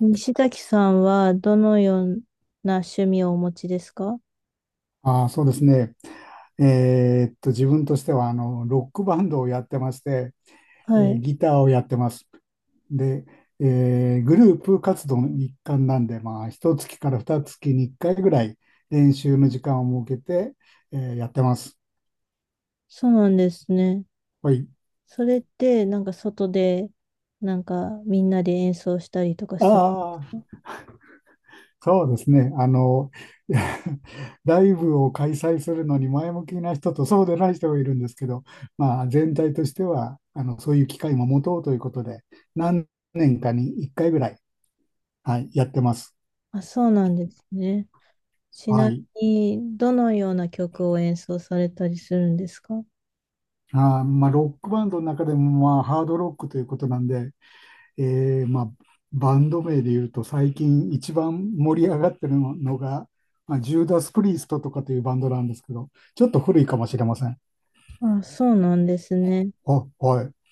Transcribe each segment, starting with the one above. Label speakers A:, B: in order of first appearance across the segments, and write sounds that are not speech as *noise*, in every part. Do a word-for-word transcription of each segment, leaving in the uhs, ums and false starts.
A: 西崎さんはどのような趣味をお持ちですか？
B: ああ、そうですね。えーっと、自分としては、あの、ロックバンドをやってまして、
A: は
B: えー
A: い。
B: ギターをやってます。で、えーグループ活動の一環なんで、まあ、ひとつきからふたつきにいっかいぐらい練習の時間を設けて、えーやってます。
A: そうなんですね。
B: はい。
A: それってなんか外でなんかみんなで演奏したりとかするんで
B: あ
A: す
B: あ。
A: か？
B: そうですね。あの、*laughs* いやライブを開催するのに前向きな人とそうでない人がいるんですけど、まあ、全体としてはあのそういう機会も持とうということで、何年かにいっかいぐらい、はい、やってます。
A: あ、そうなんですね。ち
B: は
A: な
B: い。
A: みにどのような曲を演奏されたりするんですか？
B: あー、まあ、ロックバンドの中でも、まあ、ハードロックということなんで、えーまあ、バンド名で言うと最近一番盛り上がってるのが、まあ、ジューダス・プリーストとかというバンドなんですけど、ちょっと古いかもしれません。
A: あ、そうなんですね。
B: あ、はい。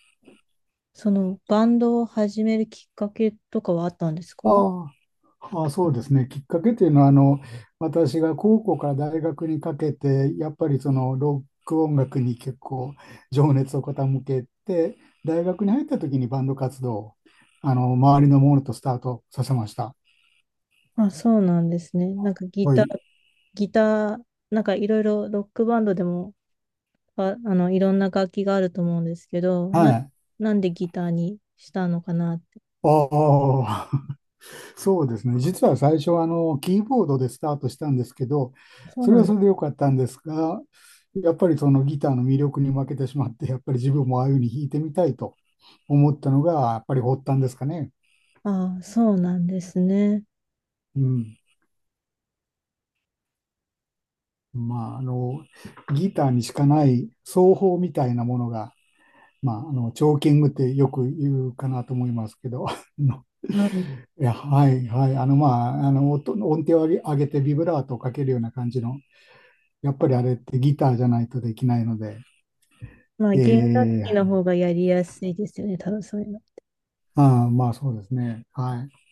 A: そのバンドを始めるきっかけとかはあったんです
B: あ
A: か？
B: あ、まあ、そうですね。きっかけというのは、あの、私が高校から大学にかけて、やっぱりそのロック音楽に結構情熱を傾けて、大学に入った時にバンド活動を、あの、周りのものとスタートさせました。
A: あ、そうなんですね。なんかギ
B: は
A: タ
B: い。
A: ー、ギター、なんかいろいろロックバンドでもあ、あの、いろんな楽器があると思うんですけど、
B: は
A: な、
B: い。
A: なんでギターにしたのかなって。
B: ああ、*laughs* そうですね。実は最初はあの、キーボードでスタートしたんですけど、
A: そう
B: それ
A: な
B: は
A: んで
B: そ
A: す。
B: れで良かったんですが、やっぱりそのギターの魅力に負けてしまって、やっぱり自分もああいうふうに弾いてみたいと思ったのが、やっぱり発端ですかね。
A: ああ、そうなんですね。
B: うん。まあ、あの、ギターにしかない奏法みたいなものが、まあ、あの、チョーキングってよく言うかなと思いますけど、*laughs* あの
A: はい。
B: いや、はい、はい。あの、まあ、あの、音、音程を上げてビブラートをかけるような感じの、やっぱりあれってギターじゃないとできないので、
A: まあ、弦楽
B: え
A: 器の方がやりやすいですよね、多分そういうの。
B: ああー、まあそうですね。はい。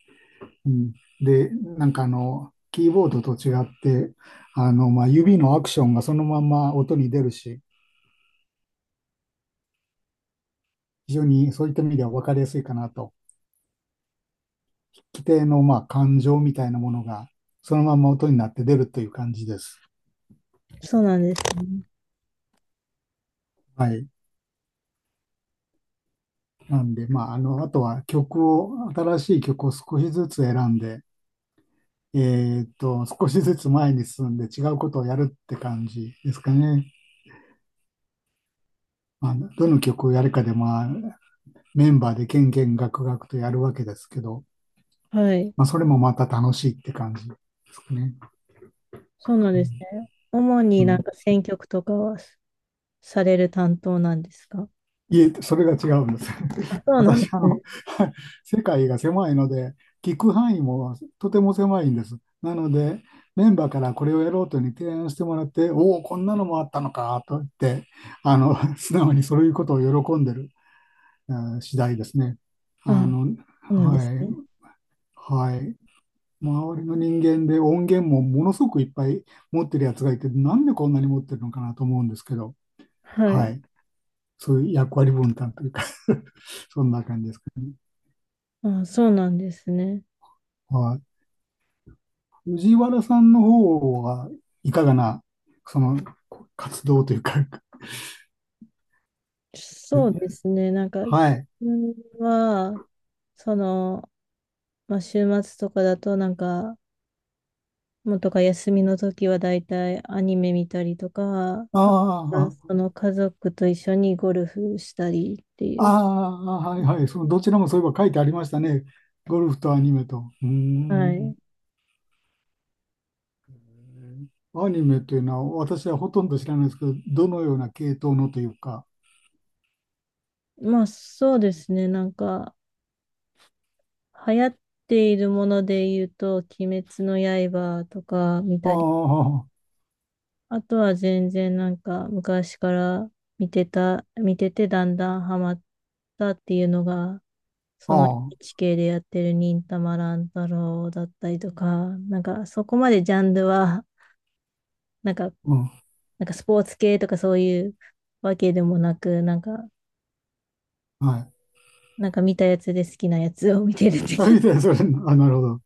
B: うん、で、なんかあの、キーボードと違って、あの、まあ、指のアクションがそのまま音に出るし、非常にそういった意味では分かりやすいかなと。規定のまあ感情みたいなものがそのまま音になって出るという感じです。
A: そうなんですね。
B: はい。なんで、まあ、あの、あとは曲を、新しい曲を少しずつ選んで、えーっと、少しずつ前に進んで違うことをやるって感じですかね。まあ、どの曲をやるかで、まあ、メンバーでけんけんがくがくとやるわけですけど、
A: はい。
B: まあ、それもまた楽しいって感じですかね。
A: そうなんですね。主
B: う
A: にな
B: ん。う
A: ん
B: ん、
A: か選曲とかはされる担当なんですか？
B: いえ、それが違うんです。
A: あ、そうなん
B: 私、
A: で
B: あ
A: す
B: の、
A: ね。
B: *laughs* 世界が狭いので、聞く範囲もとても狭いんです。なので、メンバーからこれをやろうというふうに提案してもらって、おお、こんなのもあったのかと言って、あの、*laughs* 素直にそういうことを喜んでる、えー次第ですね。あ
A: あ、
B: の、
A: そうなんです
B: はい、
A: ね。
B: はい。周りの人間で音源もものすごくいっぱい持ってるやつがいて、なんでこんなに持ってるのかなと思うんですけど、
A: は
B: は
A: い。
B: い。そういう役割分担というか *laughs* そんな感じですかね。
A: あ、そうなんですね。
B: はい。藤原さんの方はいかがな、その、活動というか
A: そうで
B: *laughs*
A: すね。なんか、自
B: はい。
A: 分は、その、まあ、週末とかだとなんか、もうとか休みの時はだいたいアニメ見たりとか、
B: あ
A: あ、
B: あ、
A: その家族と一緒にゴルフしたりってい
B: あ
A: う。
B: あ、はいはい。その、どちらもそういえば書いてありましたね。ゴルフとアニメと。うー
A: はい。
B: ん。アニメというのは、私はほとんど知らないですけど、どのような系統のというか。
A: まあそうですね、なんか、流行っているもので言うと、鬼滅の刃とか見
B: あ
A: たり、
B: あ、
A: あとは全然なんか昔から見てた、見ててだんだんハマったっていうのがそ
B: あ
A: の
B: あ、
A: エヌエイチケー でやってる忍たま乱太郎だったりとか、なんかそこまでジャンルは、なんか、
B: うん。
A: なんかスポーツ系とかそういうわけでもなく、なんか、
B: はい。
A: なんか見たやつで好きなやつを見てるって感
B: あ、
A: じ。
B: みたいな、それ、あ、なるほど。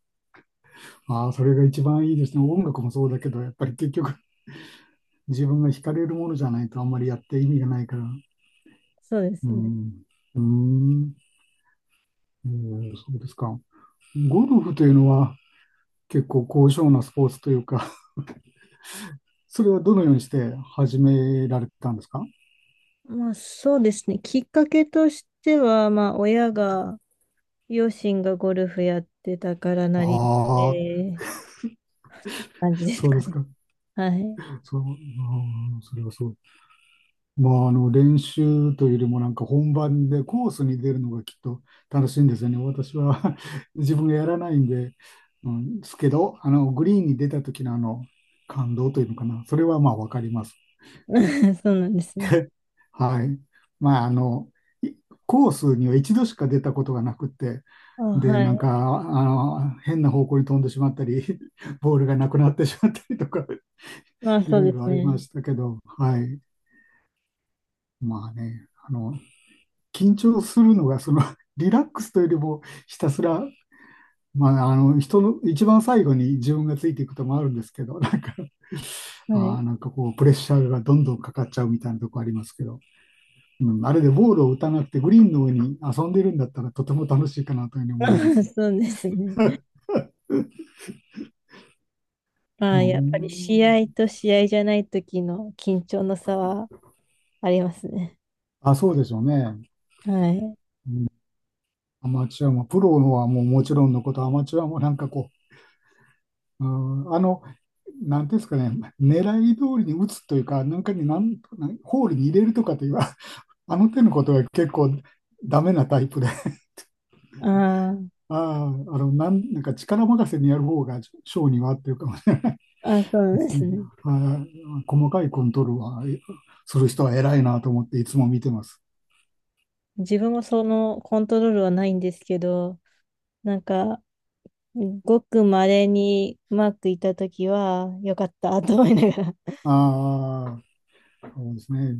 B: ああ、それが一番いいですね。音楽もそうだけど、やっぱり結局、自分が惹かれるものじゃないとあんまりやって意味がないから。
A: *laughs* そうで
B: う
A: すね。
B: ん、うん、えーそうですか。ゴルフというのは結構高尚なスポーツというか *laughs* それはどのようにして始められたんですか？
A: まあそうですね。きっかけとしては、まあ親が、両親がゴルフやってたから
B: あ
A: なりっ
B: あ、
A: て感じです
B: そう
A: か
B: です
A: ね。
B: か。
A: はい。
B: そう、うん、それはそう。まあ、あの、練習というよりもなんか本番でコースに出るのがきっと楽しいんですよね。私は *laughs* 自分がやらないんで、うん、ですけど、あの、グリーンに出た時のあの、感動というのかな。それはまあわかります。
A: *laughs* そうなんですね。
B: はい。まあ、あの、いコースには一度しか出たことがなくて、
A: あ、
B: で、
A: は
B: なん
A: い。
B: か、あの、変な方向に飛んでしまったり、*laughs* ボールがなくなってしまったりとか、*laughs*
A: まあ
B: い
A: そう
B: ろい
A: で
B: ろ
A: す
B: ありま
A: ね。
B: したけど、はい。まあね、あの、緊張するのが、その、*laughs* リラックスというよりも、ひたすら、まあ、あの、人の、一番最後に自分がついていくこともあるんですけど、なんか、
A: はい。
B: あーなんかこう、プレッシャーがどんどんかかっちゃうみたいなとこありますけど、うん、あれでボールを打たなくてグリーンの上に遊んでるんだったらとても楽しいかなというふうに思います。
A: *laughs* そうですね。ま
B: う
A: あ、やっぱり試
B: ん。
A: 合と試合じゃない時の緊張の差はありますね。
B: あ、そうでしょうね。
A: はい。
B: うん、アマチュアも、プロのはもうもちろんのこと、アマチュアもなんかこう、うん、あの、なんていうんですかね、狙い通りに打つというか、なんかになんなんホールに入れるとかという、*laughs* ああの手のことが結構ダメなタイプで、あ
A: あ
B: あ、あの、なん、なんか力任せにやる方が性には合ってるかもしれない。
A: あ、あ、そうな
B: で
A: んで
B: す
A: す
B: ね。
A: ね。
B: はい。細かいコントロールはえする人は偉いなと思っていつも見てます。
A: 自分もそのコントロールはないんですけど、なんか、ごく稀にうまくいった時は、よかったと思いなが
B: ああ、そうですね。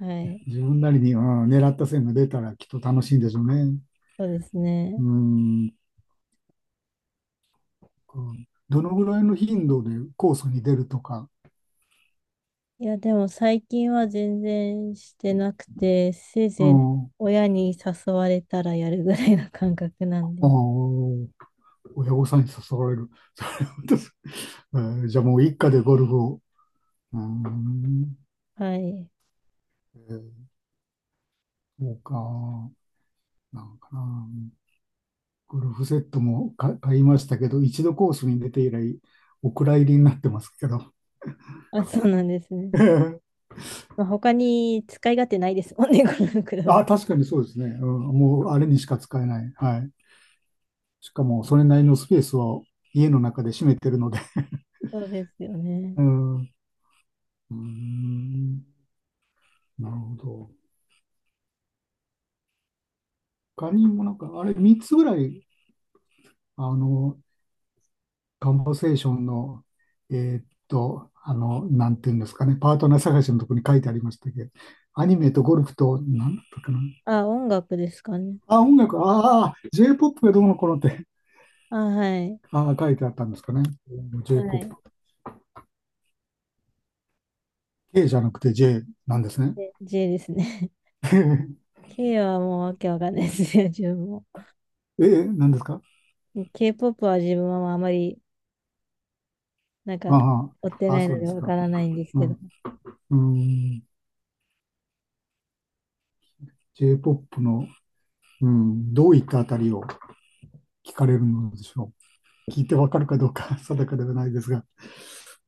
A: ら。*laughs* はい。
B: 自分なりに、うん、狙った線が出たらきっと楽しいんでしょうね。
A: そうです
B: う
A: ね。
B: ん。こうどのぐらいの頻度でコースに出るとか、
A: いや、でも最近は全然してなくて、せい
B: う
A: ぜい
B: ん。あ
A: 親に誘われたらやるぐらいの感覚なんで。
B: ー親御さんに誘われる。*laughs* それはどうす。えーじゃあもう一家でゴルフを。うん。
A: はい。
B: えーそうか。なんかな。ゴルフセットも買いましたけど、一度コースに出て以来、お蔵入りになってますけど。
A: あ、そうなんですね。
B: *laughs*
A: まあ、他に使い勝手ないですもんね、このクラブ。
B: あ、確かにそうですね。うん、もうあれにしか使えない。はい。しかも、それなりのスペースを家の中で占めてるので。
A: そうですよ
B: *laughs*
A: ね。
B: うん。うーんなるほど。他にもなんか、あれみっつぐらい、あの、カンバセーションの、えーっと、あの、なんていうんですかね、パートナー探しのところに書いてありましたけど、アニメとゴルフと、なんだったかな、
A: あ、音楽ですかね。
B: あ、音楽、ああ、J-ポップ がどうのこうのって、
A: あ、はい。
B: ああ、書いてあったんですかね。
A: は
B: J-ポップ。
A: い。
B: K じゃなくて J なんですね。
A: で、J ですね。
B: *laughs*
A: *laughs* K はもうわけわかんないですよ自分も。
B: え、なんですか？
A: K-ポップ は自分はあまり、なんか、
B: あ
A: 追って
B: あ、あ、
A: ない
B: そ
A: の
B: う
A: で
B: です
A: わ
B: か。
A: からないんです
B: う
A: けど。
B: ん、うん、J-ポップ の、うん、どういったあたりを聞かれるのでしょう。聞いてわかるかどうか *laughs* 定かではないですが。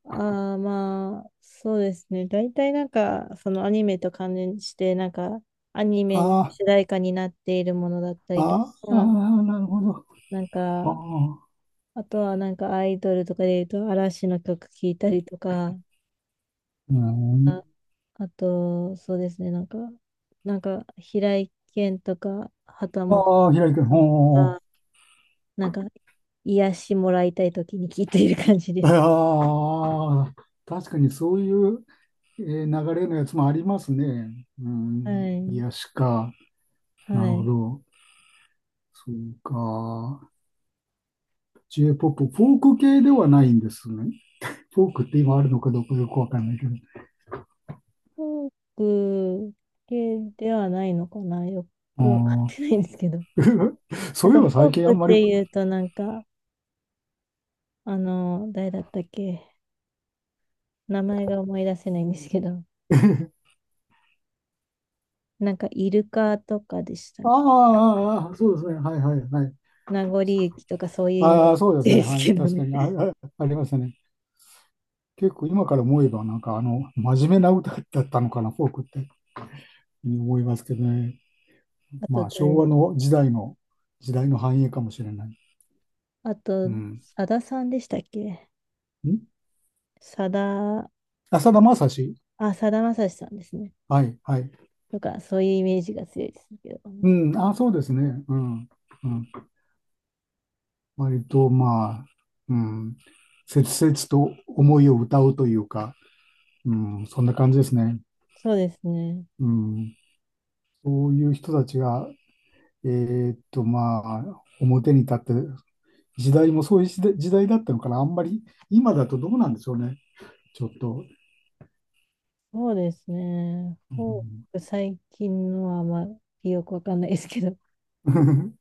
A: ああ、まあ、そうですね。大体なんか、そのアニメと関連して、なんか、アニメの
B: あ
A: 主題歌になっているものだった
B: あ、
A: りと
B: あ
A: か、
B: あ、なるほど。
A: なん
B: あ
A: か、
B: あ、
A: あとはなんかアイドルとかで言うと嵐の曲聴いたりとか、
B: うん、
A: あとそうですね、なんか、なんか平井堅とか旗本
B: ああ、平井君、
A: さんと
B: ほ
A: か、なんか癒しもらいたい時に聴いている感じで
B: う。
A: す。
B: ああ、確かにそういうえー流れのやつもありますね。う
A: は
B: ん、
A: い。
B: 癒しか。な
A: は
B: るほ
A: い。
B: ど。そうか。J-ポップ、フォーク系ではないんですね。フォークって今あるのかどうかよくわかんないけど。
A: フォーク系ではないのかなよ
B: あ
A: くわかってないんですけど。
B: ー *laughs* そ
A: なん
B: ういえ
A: かフ
B: ば最
A: ォー
B: 近あ
A: クっ
B: んまり、
A: て
B: *laughs*
A: 言うとなんか、あの、誰だったっけ名前が思い出せないんですけど、
B: あー
A: なんかイルカとかでしたっ
B: あ
A: け。
B: ー、あーそうですね。はいはいはい。
A: 名残雪とかそういうイメー
B: ああ、そうです
A: ジ
B: ね。
A: です
B: はい。
A: けど
B: 確
A: ね。
B: かに。あ、*laughs* あありましたね。結構今から思えば、なんかあの、真面目な歌だったのかな、フォークって、思いますけどね。
A: *laughs* あと
B: まあ、
A: 誰
B: 昭和
A: で
B: の時代の、時代の繁栄かもしれない。
A: あと、
B: うん。
A: さださんでしたっけ。
B: ん
A: さだ、
B: あ、さだまさし。
A: あ、さだまさしさんですね。
B: はい、はい。
A: とか、そういうイメージが強いですけどね。
B: うん、あ、そうですね。うん。うん。割と、まあ、うん。切々と思いを歌うというか、うん、そんな感じですね。
A: そうですね。
B: うん。そういう人たちが、えーっと、まあ、表に立って、時代もそういう時代時代だったのかな。あんまり、今だとどうなんでしょうね。ちょっと。
A: そうですね。
B: う
A: フォー
B: ん。
A: ク最近のはあまりよくわかんないですけど、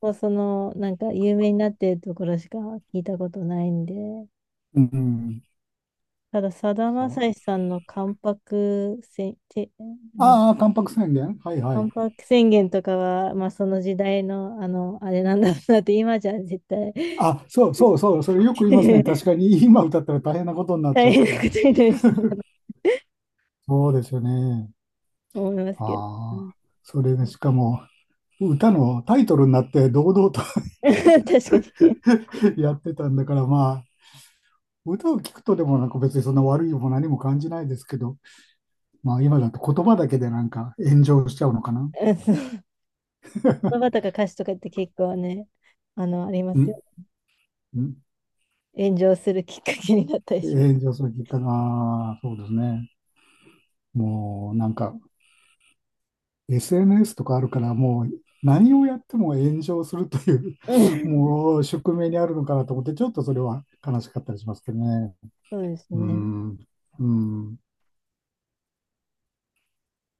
A: もう その、なんか有名になってるところしか聞いたことないんで、
B: うん。
A: ただ、さだまさしさんの関白せんて、ん
B: ああー、タンパク宣言。はいはい。
A: 万博宣言とかは、まあ、その時代の、あの、あれなんだろうなって、今じゃ絶対
B: あ、そうそうそう、それよく言いますね。
A: *laughs*
B: 確かに *laughs* 今歌ったら大変なことになっ
A: 大
B: ちゃうっ
A: 変な
B: て。
A: ことになりそうだなと
B: そうですよね。
A: 思いますけど。う
B: あ
A: ん
B: あ、それでしかも歌のタイトルになって堂々と
A: *laughs* 確かに。
B: *laughs* やってたんだから、まあ、歌を聴くとでもなんか別にそんな悪いも何も感じないですけど、まあ今だと言葉だけでなんか炎上しちゃうのかな。
A: うん *laughs* そう、言葉とか歌詞とかって結構ね、あの、ありま
B: ん
A: すよ。
B: ん
A: 炎上するきっかけになったりします。
B: 炎上するきっかけ、ああ、そうですね。もうなんか エスエヌエス とかあるから、もう何をやっても炎上するという
A: *laughs* う
B: *laughs*
A: ん、
B: もう宿命にあるのかなと思って、ちょっとそれは悲しかったりしますけどね。
A: そうです
B: う
A: ね。
B: ん、うん、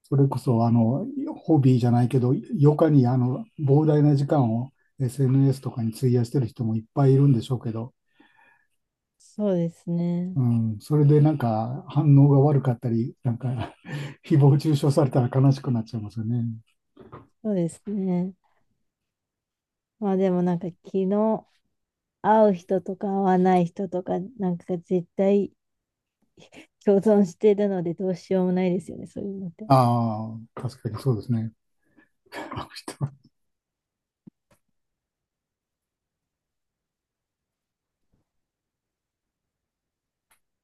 B: それこそ、あの、ホビーじゃないけど、余暇にあの膨大な時間を エスエヌエス とかに費やしてる人もいっぱいいるんでしょうけど、
A: そうですね。
B: うん、それでなんか反応が悪かったり、なんか *laughs* 誹謗中傷されたら悲しくなっちゃいますよね。
A: そうですね。まあでもなんか昨日会う人とか会わない人とかなんか絶対共存してるのでどうしようもないですよね、そういうのって。
B: ああ、確かにそうですね。